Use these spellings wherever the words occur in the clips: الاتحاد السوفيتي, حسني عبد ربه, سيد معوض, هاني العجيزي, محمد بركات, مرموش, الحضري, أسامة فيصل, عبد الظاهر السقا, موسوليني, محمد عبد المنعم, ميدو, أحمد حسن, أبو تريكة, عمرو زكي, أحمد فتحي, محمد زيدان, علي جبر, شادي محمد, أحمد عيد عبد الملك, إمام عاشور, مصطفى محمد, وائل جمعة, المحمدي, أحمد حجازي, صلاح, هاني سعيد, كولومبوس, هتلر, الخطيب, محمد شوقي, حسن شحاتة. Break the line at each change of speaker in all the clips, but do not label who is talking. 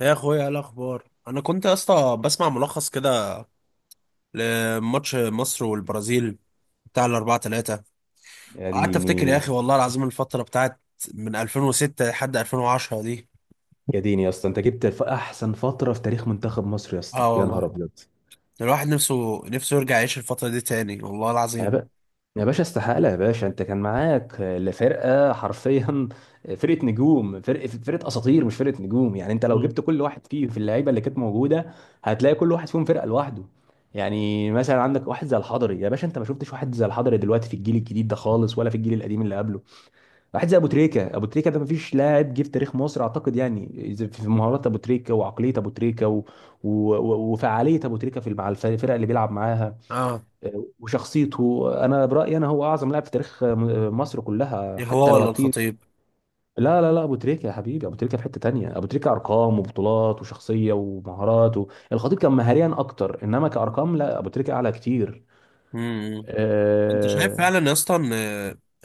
يا اخويا، إيه الاخبار؟ انا كنت يا اسطى بسمع ملخص كده لماتش مصر والبرازيل بتاع الاربعة تلاتة.
يا
وقعدت افتكر يا
ديني،
اخي، والله العظيم، الفترة بتاعت من 2006 لحد 2010 دي.
يا ديني يا اسطى، انت جبت احسن فتره في تاريخ منتخب مصر يا اسطى،
اه
يا نهار
والله.
ابيض.
الواحد نفسه نفسه يرجع يعيش الفترة دي تاني، والله
يا
العظيم.
بقى، يا باشا استحاله، يا باشا انت كان معاك لفرقه حرفيا. فرقه نجوم، فرقه اساطير، مش فرقه نجوم. يعني انت لو
مم.
جبت كل واحد فيه في اللعيبه اللي كانت موجوده، هتلاقي كل واحد فيهم فرقه لوحده. يعني مثلا عندك واحد زي الحضري، يا باشا انت ما شفتش واحد زي الحضري دلوقتي في الجيل الجديد ده خالص، ولا في الجيل القديم اللي قبله. واحد زي ابو تريكه، ابو تريكه ده مفيش لاعب جه في تاريخ مصر اعتقد. يعني إذا في مهارات ابو تريكه وعقليه ابو تريكه و... و... و- وفعاليه ابو تريكه في مع الفرق اللي بيلعب معاها.
اه.
وشخصيته، انا برايي انا هو اعظم لاعب في تاريخ مصر كلها
إيه،
حتى
هو
لو
ولا
هتيجي.
الخطيب؟
لا لا لا، ابو تريكه يا حبيبي، ابو تريكه في حته تانية، ابو تريكه ارقام وبطولات وشخصيه ومهارات الخطيب كان مهاريا اكتر، انما كارقام لا، ابو تريكه اعلى كتير.
امم انت شايف
آه،
فعلا يا اسطى ان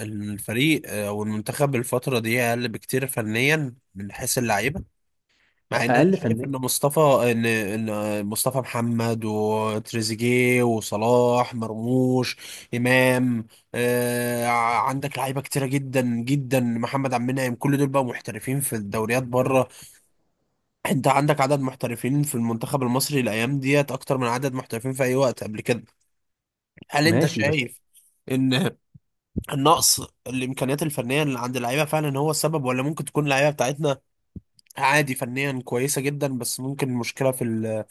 إن الفريق، او المنتخب الفترة دي، اقل بكتير فنيا من حيث اللعيبة، مع ان انا
اقل
شايف ان
فنان.
مصطفى ان ان مصطفى محمد وتريزيجيه وصلاح مرموش امام. عندك لعيبه كتيره جدا جدا، محمد عبد المنعم، كل دول بقى محترفين في الدوريات بره. انت عندك عدد محترفين في المنتخب المصري الايام ديت اكتر من عدد محترفين في اي وقت قبل كده. هل انت
ماشي بس.
شايف ان النقص، الامكانيات الفنيه اللي عند اللعيبه، فعلا هو السبب، ولا ممكن تكون اللعيبه بتاعتنا عادي فنيا، كويسه جدا، بس ممكن المشكله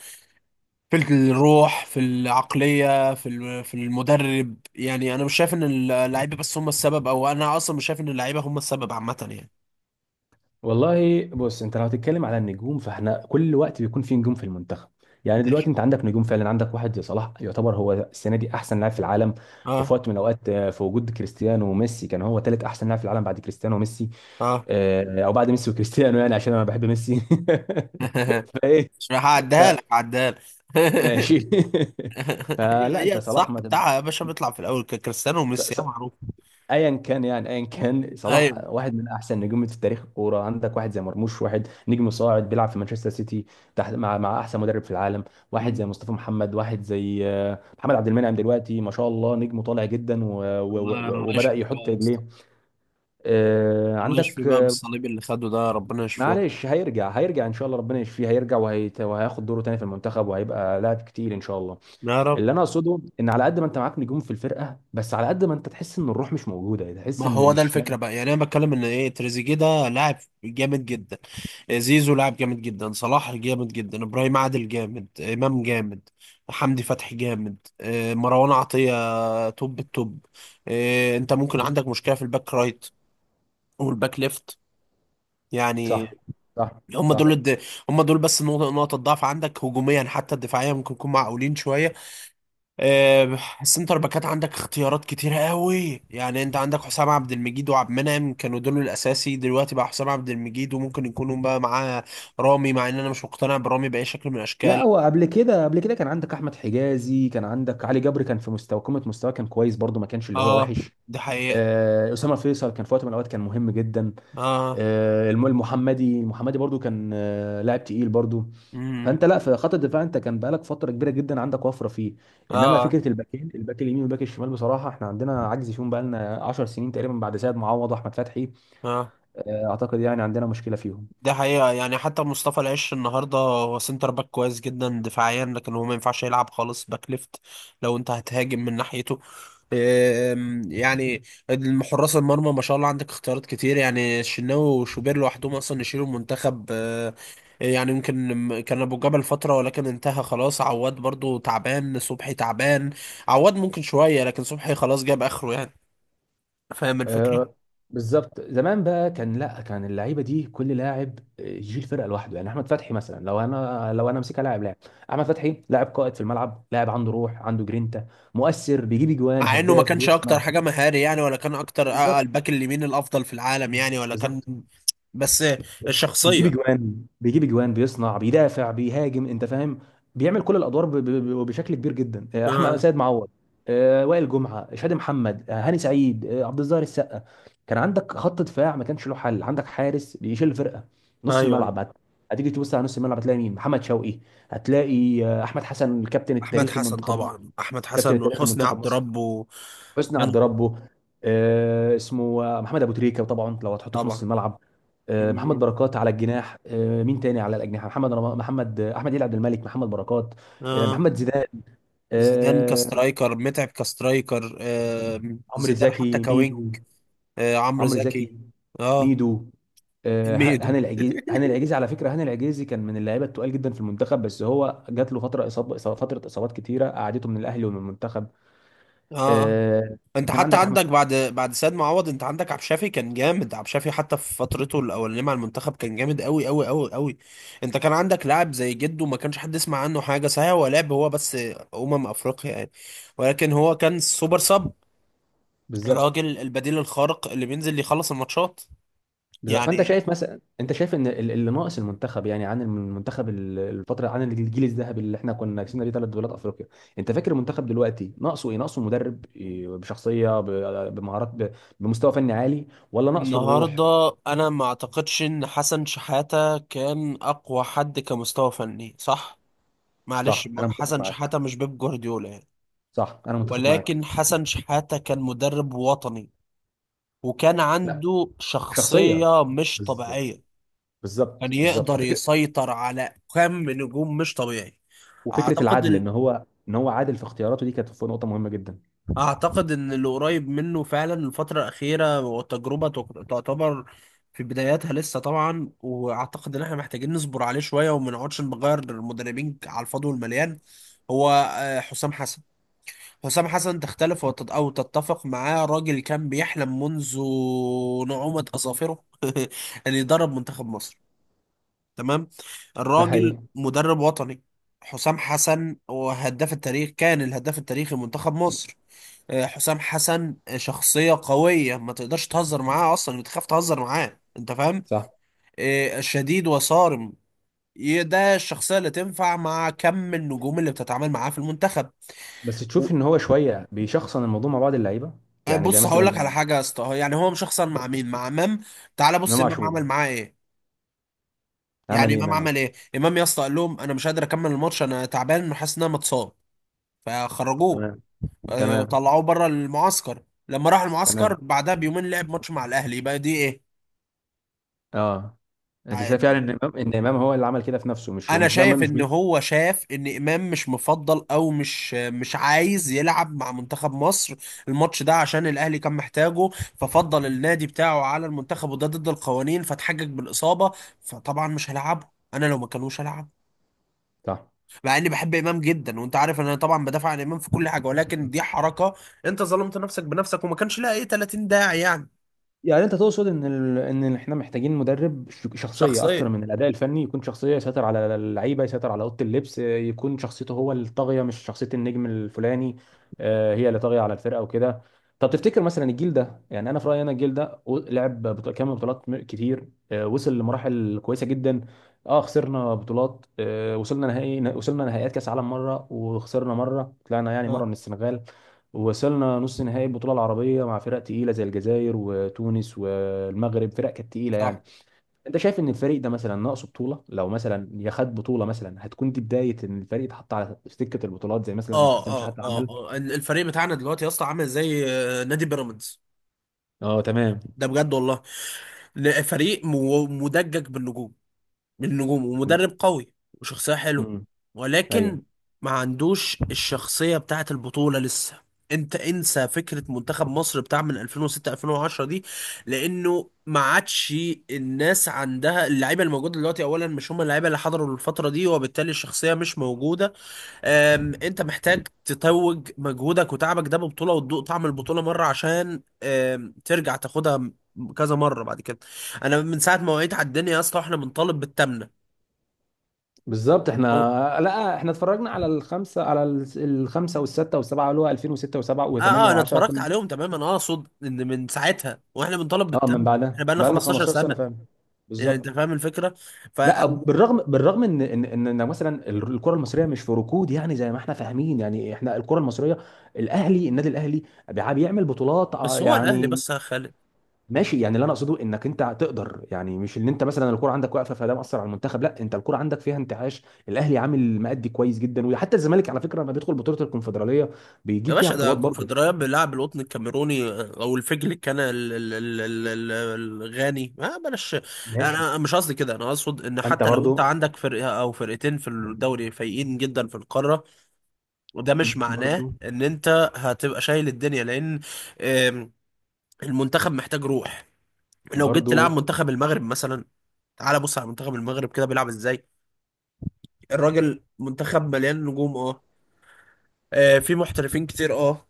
في الروح، في العقلية، في المدرب؟ يعني انا مش شايف ان اللعيبة بس هم السبب، او انا اصلا مش شايف ان اللعيبة هم السبب عامة يعني.
والله بص، انت لو هتتكلم على النجوم فاحنا كل وقت بيكون في نجوم في المنتخب. يعني دلوقتي
ماشي.
انت عندك نجوم فعلا، عندك واحد زي صلاح يعتبر هو السنه دي احسن لاعب في العالم.
اه،
وفي وقت من الاوقات في وجود كريستيانو وميسي كان هو ثالث احسن لاعب في العالم بعد كريستيانو وميسي.
اه.
او بعد ميسي وكريستيانو، يعني عشان انا بحب ميسي. فايه.
مش
ف-
هعديها لك، هعديها لك.
ماشي.
هي
فلا
هي
انت صلاح
الصح
ما
بتاعها يا باشا، بيطلع في الاول كريستيانو وميسي يا
تب...
معروف.
ايا كان، يعني ايا كان، صلاح
ايوه.
واحد من احسن نجوم في تاريخ الكوره. عندك واحد زي مرموش، واحد نجم صاعد بيلعب في مانشستر سيتي تحت مع احسن مدرب في العالم. واحد زي
مم.
مصطفى محمد، واحد زي محمد عبد المنعم دلوقتي ما شاء الله نجم طالع جدا و... و...
الله
و...
الله
وبدأ
يشفيه بقى
يحط
يا اسطى.
رجليه. آه،
الله يشفيه
عندك
بقى،
آه،
بالصليب اللي خده ده ربنا يشفيه.
معلش، هيرجع ان شاء الله، ربنا يشفيه، هيرجع وهياخد دوره تاني في المنتخب وهيبقى لاعب كتير ان شاء الله.
يا رب.
اللي انا اقصده ان على قد ما انت معاك نجوم في الفرقه، بس على قد ما انت تحس ان الروح مش موجوده، تحس
ما
ان
هو ده
مش.
الفكره بقى، يعني انا بتكلم ان ايه، تريزيجيه ده لاعب جامد جدا، زيزو لاعب جامد جدا، صلاح جامد جدا، ابراهيم عادل جامد، امام جامد، حمدي فتحي جامد، مروان عطية، توب التوب. انت ممكن عندك مشكلة في الباك رايت والباك ليفت يعني.
صح، صح،
هم دول
صح.
الد... هم دول بس نقطة ضعف عندك هجوميا، حتى الدفاعية ممكن يكون معقولين شوية. السنتر باكات عندك اختيارات كتيرة قوي، يعني انت عندك حسام عبد المجيد وعبد المنعم، كانوا دول الاساسي. دلوقتي بقى حسام عبد المجيد وممكن يكونوا بقى معاه رامي، مع ان انا مش مقتنع برامي باي شكل من
لا،
الاشكال.
هو قبل كده كان عندك احمد حجازي، كان عندك علي جبر كان في مستوى قمه، مستوى كان كويس برضه، ما كانش اللي هو
اه،
وحش.
دي حقيقة.
اسامه فيصل كان في وقت من الاوقات كان مهم جدا.
اه.
المحمدي، برضه كان لاعب تقيل برضه.
امم.
فانت لا في خط الدفاع، انت كان بقالك فتره كبيره جدا عندك وفره فيه. انما
اه.
فكره الباكين، الباك اليمين والباك الشمال، بصراحه احنا عندنا عجز فيهم بقالنا 10 سنين تقريبا بعد سيد معوض واحمد فتحي.
اه.
اعتقد يعني عندنا مشكله فيهم.
ده حقيقة يعني، حتى مصطفى العش النهاردة هو سنتر باك كويس جدا دفاعيا، لكن هو ما ينفعش يلعب خالص باك ليفت لو انت هتهاجم من ناحيته. يعني حراس المرمى ما شاء الله عندك اختيارات كتير، يعني الشناوي وشوبير لوحدهم اصلا يشيلوا المنتخب. يعني يمكن كان ابو جبل فترة ولكن انتهى خلاص. عواد برضو تعبان، صبحي تعبان. عواد ممكن شوية، لكن صبحي خلاص جاب اخره يعني. فاهم
آه،
الفكرة؟
بالظبط. زمان بقى كان، لا، كان اللعيبه دي كل لاعب يشيل فرقه لوحده. يعني احمد فتحي مثلا، لو انا مسكها، لاعب لاعب. احمد فتحي لاعب قائد في الملعب، لاعب عنده روح، عنده جرينتا، مؤثر، بيجيب اجوان،
مع انه ما
هداف،
كانش اكتر
بيصنع.
حاجه مهاري يعني، ولا كان اكتر،
بالظبط،
الباك اليمين الافضل في العالم يعني، ولا كان.
بالظبط.
بس الشخصيه.
بيجيب اجوان، بيصنع، بيدافع، بيهاجم، انت فاهم؟ بيعمل كل الادوار بشكل كبير جدا. احمد،
آه.
سيد معوض، وائل جمعه، شادي محمد، هاني سعيد، عبد الظاهر السقا. كان عندك خط دفاع ما كانش له حل، عندك حارس بيشيل الفرقه.
ايوه،
نص
ايوه،
الملعب هتيجي تبص على نص الملعب، هتلاقي مين؟ محمد شوقي. هتلاقي احمد حسن الكابتن
احمد
التاريخي
حسن،
لمنتخب مصر،
طبعا احمد
كابتن
حسن
التاريخي
وحسني
لمنتخب
عبد
مصر،
ربه،
حسني
يعني.
عبد ربه. اسمه محمد ابو تريكه طبعا لو هتحطه في نص
طبعا.
الملعب. محمد
مم.
بركات على الجناح. مين تاني على الاجنحه؟ محمد، احمد عيد عبد الملك، محمد بركات،
اه.
محمد زيدان،
زيدان
آه،
كسترايكر، متعب كسترايكر. آه.
عمرو
زيدان حتى
زكي، ميدو،
كوينج. آه. عمرو
عمرو
زكي.
زكي،
اه.
ميدو.
ميدو.
هاني العجيزي، على فكره هاني العجيزي كان من اللعيبه التقال جدا في المنتخب، بس هو جات له فتره اصابات كتيره قعدته من الاهلي ومن المنتخب.
اه. آه.
آه،
انت
كان
حتى
عندك
عندك
احمد.
بعد سيد معوض، انت عندك عبد الشافي كان جامد، عبد الشافي حتى في فترته الاولانيه مع المنتخب كان جامد قوي قوي قوي قوي. انت كان عندك لاعب زي جده ما كانش حد يسمع عنه حاجه، صحيح هو لعب هو بس افريقيا يعني، ولكن هو كان سوبر سب،
بالظبط،
الراجل البديل الخارق اللي بينزل يخلص الماتشات
بالظبط. فانت
يعني.
شايف مثلا، انت شايف ان اللي ناقص المنتخب، يعني عن المنتخب، الفتره عن الجيل الذهبي اللي احنا كنا كسبنا بيه ثلاث دوريات افريقيا. انت فاكر المنتخب دلوقتي ناقصه ايه؟ ناقصه مدرب إيه، بشخصيه، بمهارات، بمستوى فني عالي؟ ولا ناقصه
النهارده
الروح؟
انا ما اعتقدش ان حسن شحاته كان اقوى حد كمستوى فني، صح؟ معلش
صح، انا متفق
حسن شحاته
معاك.
مش بيب جوارديولا يعني،
صح، انا متفق معاك.
ولكن حسن شحاتة كان مدرب وطني، وكان
لا.
عنده
شخصيه.
شخصية مش
بالظبط،
طبيعية، كان
بالظبط، بالظبط.
يقدر
وفكره.
يسيطر على كم نجوم مش طبيعي. أعتقد
العدل، ان
ال...
هو عادل في اختياراته، دي كانت نقطه مهمه جدا.
أعتقد إن اللي قريب منه فعلا الفترة الأخيرة، والتجربة تعتبر في بداياتها لسه طبعا، وأعتقد إن إحنا محتاجين نصبر عليه شوية، وما نقعدش نغير المدربين على الفاضي والمليان. هو حسام حسن، حسام حسن تختلف أو تتفق معاه، راجل كان بيحلم منذ نعومة أظافره أن يدرب منتخب مصر. تمام.
ده
الراجل
حقيقي.
مدرب وطني، حسام حسن، وهداف التاريخ، كان الهداف التاريخي لمنتخب مصر. حسام حسن شخصية قوية، ما تقدرش تهزر معاه أصلا، بتخاف تهزر معاه، أنت فاهم.
صح.
شديد وصارم، ده الشخصية اللي تنفع مع كم النجوم اللي بتتعامل معاه في المنتخب.
بس تشوف ان هو شويه بيشخصن الموضوع مع بعض اللعيبه. يعني زي
بص هقول لك على
مثلا
حاجه يا اسطى، يعني هو مش هيخسر مع مين؟ مع امام. تعال بص،
امام
امام
عاشور،
عمل معاه ايه؟
عمل
يعني
ايه
امام
امام
عمل
عاشور؟
ايه؟ امام يا اسطى قال لهم انا مش قادر اكمل الماتش، انا تعبان وحاسس ان انا متصاب، فخرجوه.
تمام، تمام،
طلعوه بره المعسكر، لما راح المعسكر
تمام،
بعدها بيومين لعب ماتش مع الاهلي، يبقى دي ايه؟
اه. انت
آه،
شايف يعني ان امام، هو اللي عمل كده في نفسه، مش
انا
مش ده
شايف
مش
ان هو شاف ان امام مش مفضل او مش عايز يلعب مع منتخب مصر الماتش ده عشان الاهلي كان محتاجه، ففضل النادي بتاعه على المنتخب، وده ضد القوانين، فاتحجج بالاصابه، فطبعا مش هلعبه. انا لو ما كانوش هلعب.
صح.
مع اني بحب امام جدا، وانت عارف ان انا طبعا بدافع عن امام في كل حاجه، ولكن دي حركه، انت ظلمت نفسك بنفسك، وما كانش لها ايه 30 داعي يعني.
يعني انت تقصد ان ان احنا محتاجين مدرب شخصيه اكتر
شخصيا.
من الاداء الفني، يكون شخصيه يسيطر على اللعيبه، يسيطر على اوضه اللبس، يكون شخصيته هو الطاغيه مش شخصيه النجم الفلاني. هي اللي طاغيه على الفرقه وكده. طب تفتكر مثلا الجيل ده، يعني انا في رايي انا الجيل ده لعب كام بطولات كتير، وصل لمراحل كويسه جدا. اه خسرنا بطولات، وصلنا نهائيات كاس عالم مره وخسرنا مره، طلعنا يعني مره
اه.
من السنغال. ووصلنا نص نهائي البطوله العربيه مع فرق تقيله زي الجزائر وتونس والمغرب، فرق كانت تقيله
صح.
يعني. انت شايف ان الفريق ده مثلا ناقصه بطوله؟ لو مثلا يا خد بطوله مثلا، هتكون دي بدايه ان الفريق اتحط على سكه البطولات زي مثلا ما
اه.
حسن
اه.
شحاته
اه.
عمل.
آه. الفريق بتاعنا دلوقتي يا اسطى عامل زي نادي بيراميدز،
اه، تمام.
ده بجد والله، فريق مدجج بالنجوم، بالنجوم ومدرب قوي وشخصية حلوة،
امم.
ولكن
ايوه.
ما عندوش الشخصية بتاعت البطولة لسه. انت انسى فكرة منتخب مصر بتاع من 2006، 2010 دي، لانه ما عادش. الناس عندها اللعيبة الموجودة دلوقتي اولا مش هم اللعيبة اللي حضروا الفترة دي، وبالتالي الشخصية مش موجودة. انت محتاج تتوج مجهودك وتعبك ده ببطولة، وتدوق طعم البطولة مرة عشان ترجع تاخدها كذا مرة بعد كده. انا من ساعة ما وعيت على الدنيا يا اسطى احنا بنطالب بالتمنة.
بالظبط. احنا،
هو-
لا احنا اتفرجنا على الخمسه والسته والسبعه اللي هو 2006 و7
اه.
و8
اه، انا اتفرجت
و10.
عليهم تمام. انا اقصد ان من ساعتها واحنا بنطالب
اه من
بالتمنة، احنا
بعدها
بقالنا
بقى لنا
15
15 سنه
سنة،
فعلا.
يعني
بالظبط.
انت فاهم الفكرة. ف
لا بالرغم، ان إن مثلا الكره المصريه مش في ركود، يعني زي ما احنا فاهمين. يعني احنا الكره المصريه، النادي الاهلي بيعمل بطولات،
بس هو الاهلي
يعني.
بس خلي.
ماشي. يعني اللي انا اقصده انك انت تقدر، يعني مش ان انت مثلا الكره عندك واقفه فده مأثر على المنتخب، لا انت الكره عندك فيها انتعاش. الاهلي عامل مأدي كويس جدا، وحتى الزمالك على فكره لما بيدخل بطوله الكونفدراليه
يا
بيجيب فيها
باشا ده
بطولات برضه.
الكونفدرالية بيلعب القطن الكاميروني، او الفجل، كان الغاني، ما بلاش.
ماشي.
انا مش قصدي كده، انا اقصد ان
ما انت
حتى لو انت
برضه،
عندك فرقة او فرقتين في الدوري فايقين جدا في القارة، وده مش معناه
برضه،
ان انت هتبقى شايل الدنيا، لان آم، المنتخب محتاج روح. لو جيت تلعب
برضه.
منتخب المغرب مثلا، تعال بص على منتخب المغرب كده بيلعب ازاي. الراجل منتخب مليان نجوم، اه، في محترفين كتير، اه،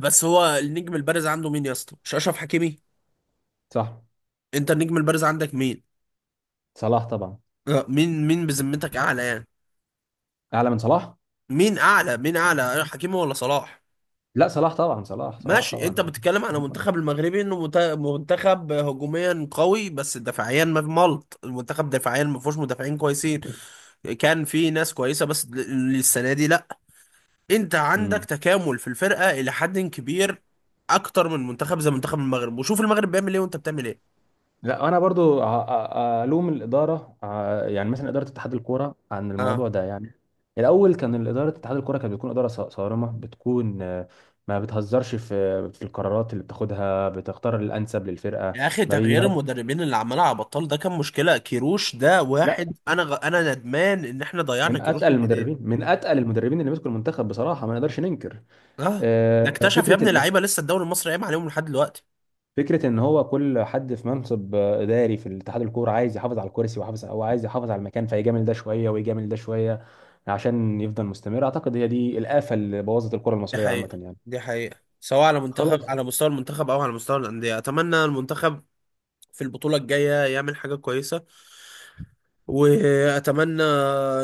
بس هو النجم البارز عنده مين يا اسطى؟ مش اشرف حكيمي؟
صح.
انت النجم البارز عندك مين؟
صلاح طبعا.
مين مين بذمتك اعلى يعني؟
اعلى من صلاح؟
مين اعلى؟ مين اعلى، حكيمي ولا صلاح؟
لا، صلاح طبعا، صلاح، صلاح
ماشي. انت
طبعا.
بتتكلم على منتخب المغربي انه منتخب هجوميا قوي، بس دفاعيا ما في ملط، المنتخب دفاعيا ما فيهوش مدافعين كويسين، كان في ناس كويسه بس السنه دي لا. انت عندك
امم.
تكامل في الفرقه الى حد كبير، اكتر من منتخب زي منتخب المغرب، وشوف المغرب بيعمل ايه وانت بتعمل ايه.
لا انا برضو الوم الاداره، يعني مثلا اداره اتحاد الكوره عن
اه.
الموضوع ده يعني. الاول كان الاداره اتحاد الكوره كانت بتكون اداره صارمه، بتكون ما بتهزرش في القرارات اللي بتاخدها، بتختار الانسب للفرقه.
يا اخي
ما بي
تغيير
ما-
المدربين اللي عمال على بطال ده كان مشكله، كيروش ده
لا،
واحد، انا انا ندمان ان احنا ضيعنا
من
كيروش
اتقل
من ايدينا.
المدربين، اللي مسكوا المنتخب بصراحه ما نقدرش ننكر.
اه.
آه،
ده اكتشف يا
فكره
ابني
ان
لعيبه لسه الدوري المصري قايم عليهم لحد دلوقتي.
فكره ان هو كل حد في منصب اداري في الاتحاد الكوره عايز يحافظ على الكرسي، ويحافظ او عايز يحافظ على المكان، فيجامل ده شويه ويجامل ده شويه عشان يفضل مستمر. اعتقد هي دي الافه اللي بوظت الكره
دي
المصريه عامه
حقيقه،
يعني.
دي حقيقه، سواء على منتخب،
خلاص.
على مستوى المنتخب، او على مستوى الانديه. اتمنى المنتخب في البطوله الجايه يعمل حاجه كويسه، واتمنى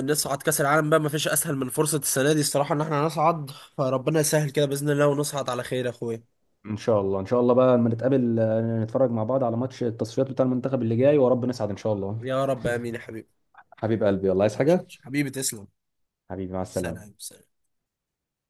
نصعد كاس العالم بقى، ما فيش اسهل من فرصه السنه دي الصراحه ان احنا نصعد، فربنا يسهل كده باذن الله ونصعد على خير يا اخويا.
ان شاء الله، ان شاء الله بقى لما نتقابل نتفرج مع بعض على ماتش التصفيات بتاع المنتخب اللي جاي، ورب نسعد ان شاء الله.
يا رب، امين يا حبيبي.
حبيب قلبي والله عايز
ماشي.
حاجة.
حبيبي تسلم.
حبيبي مع السلامه.
سلام، سلام.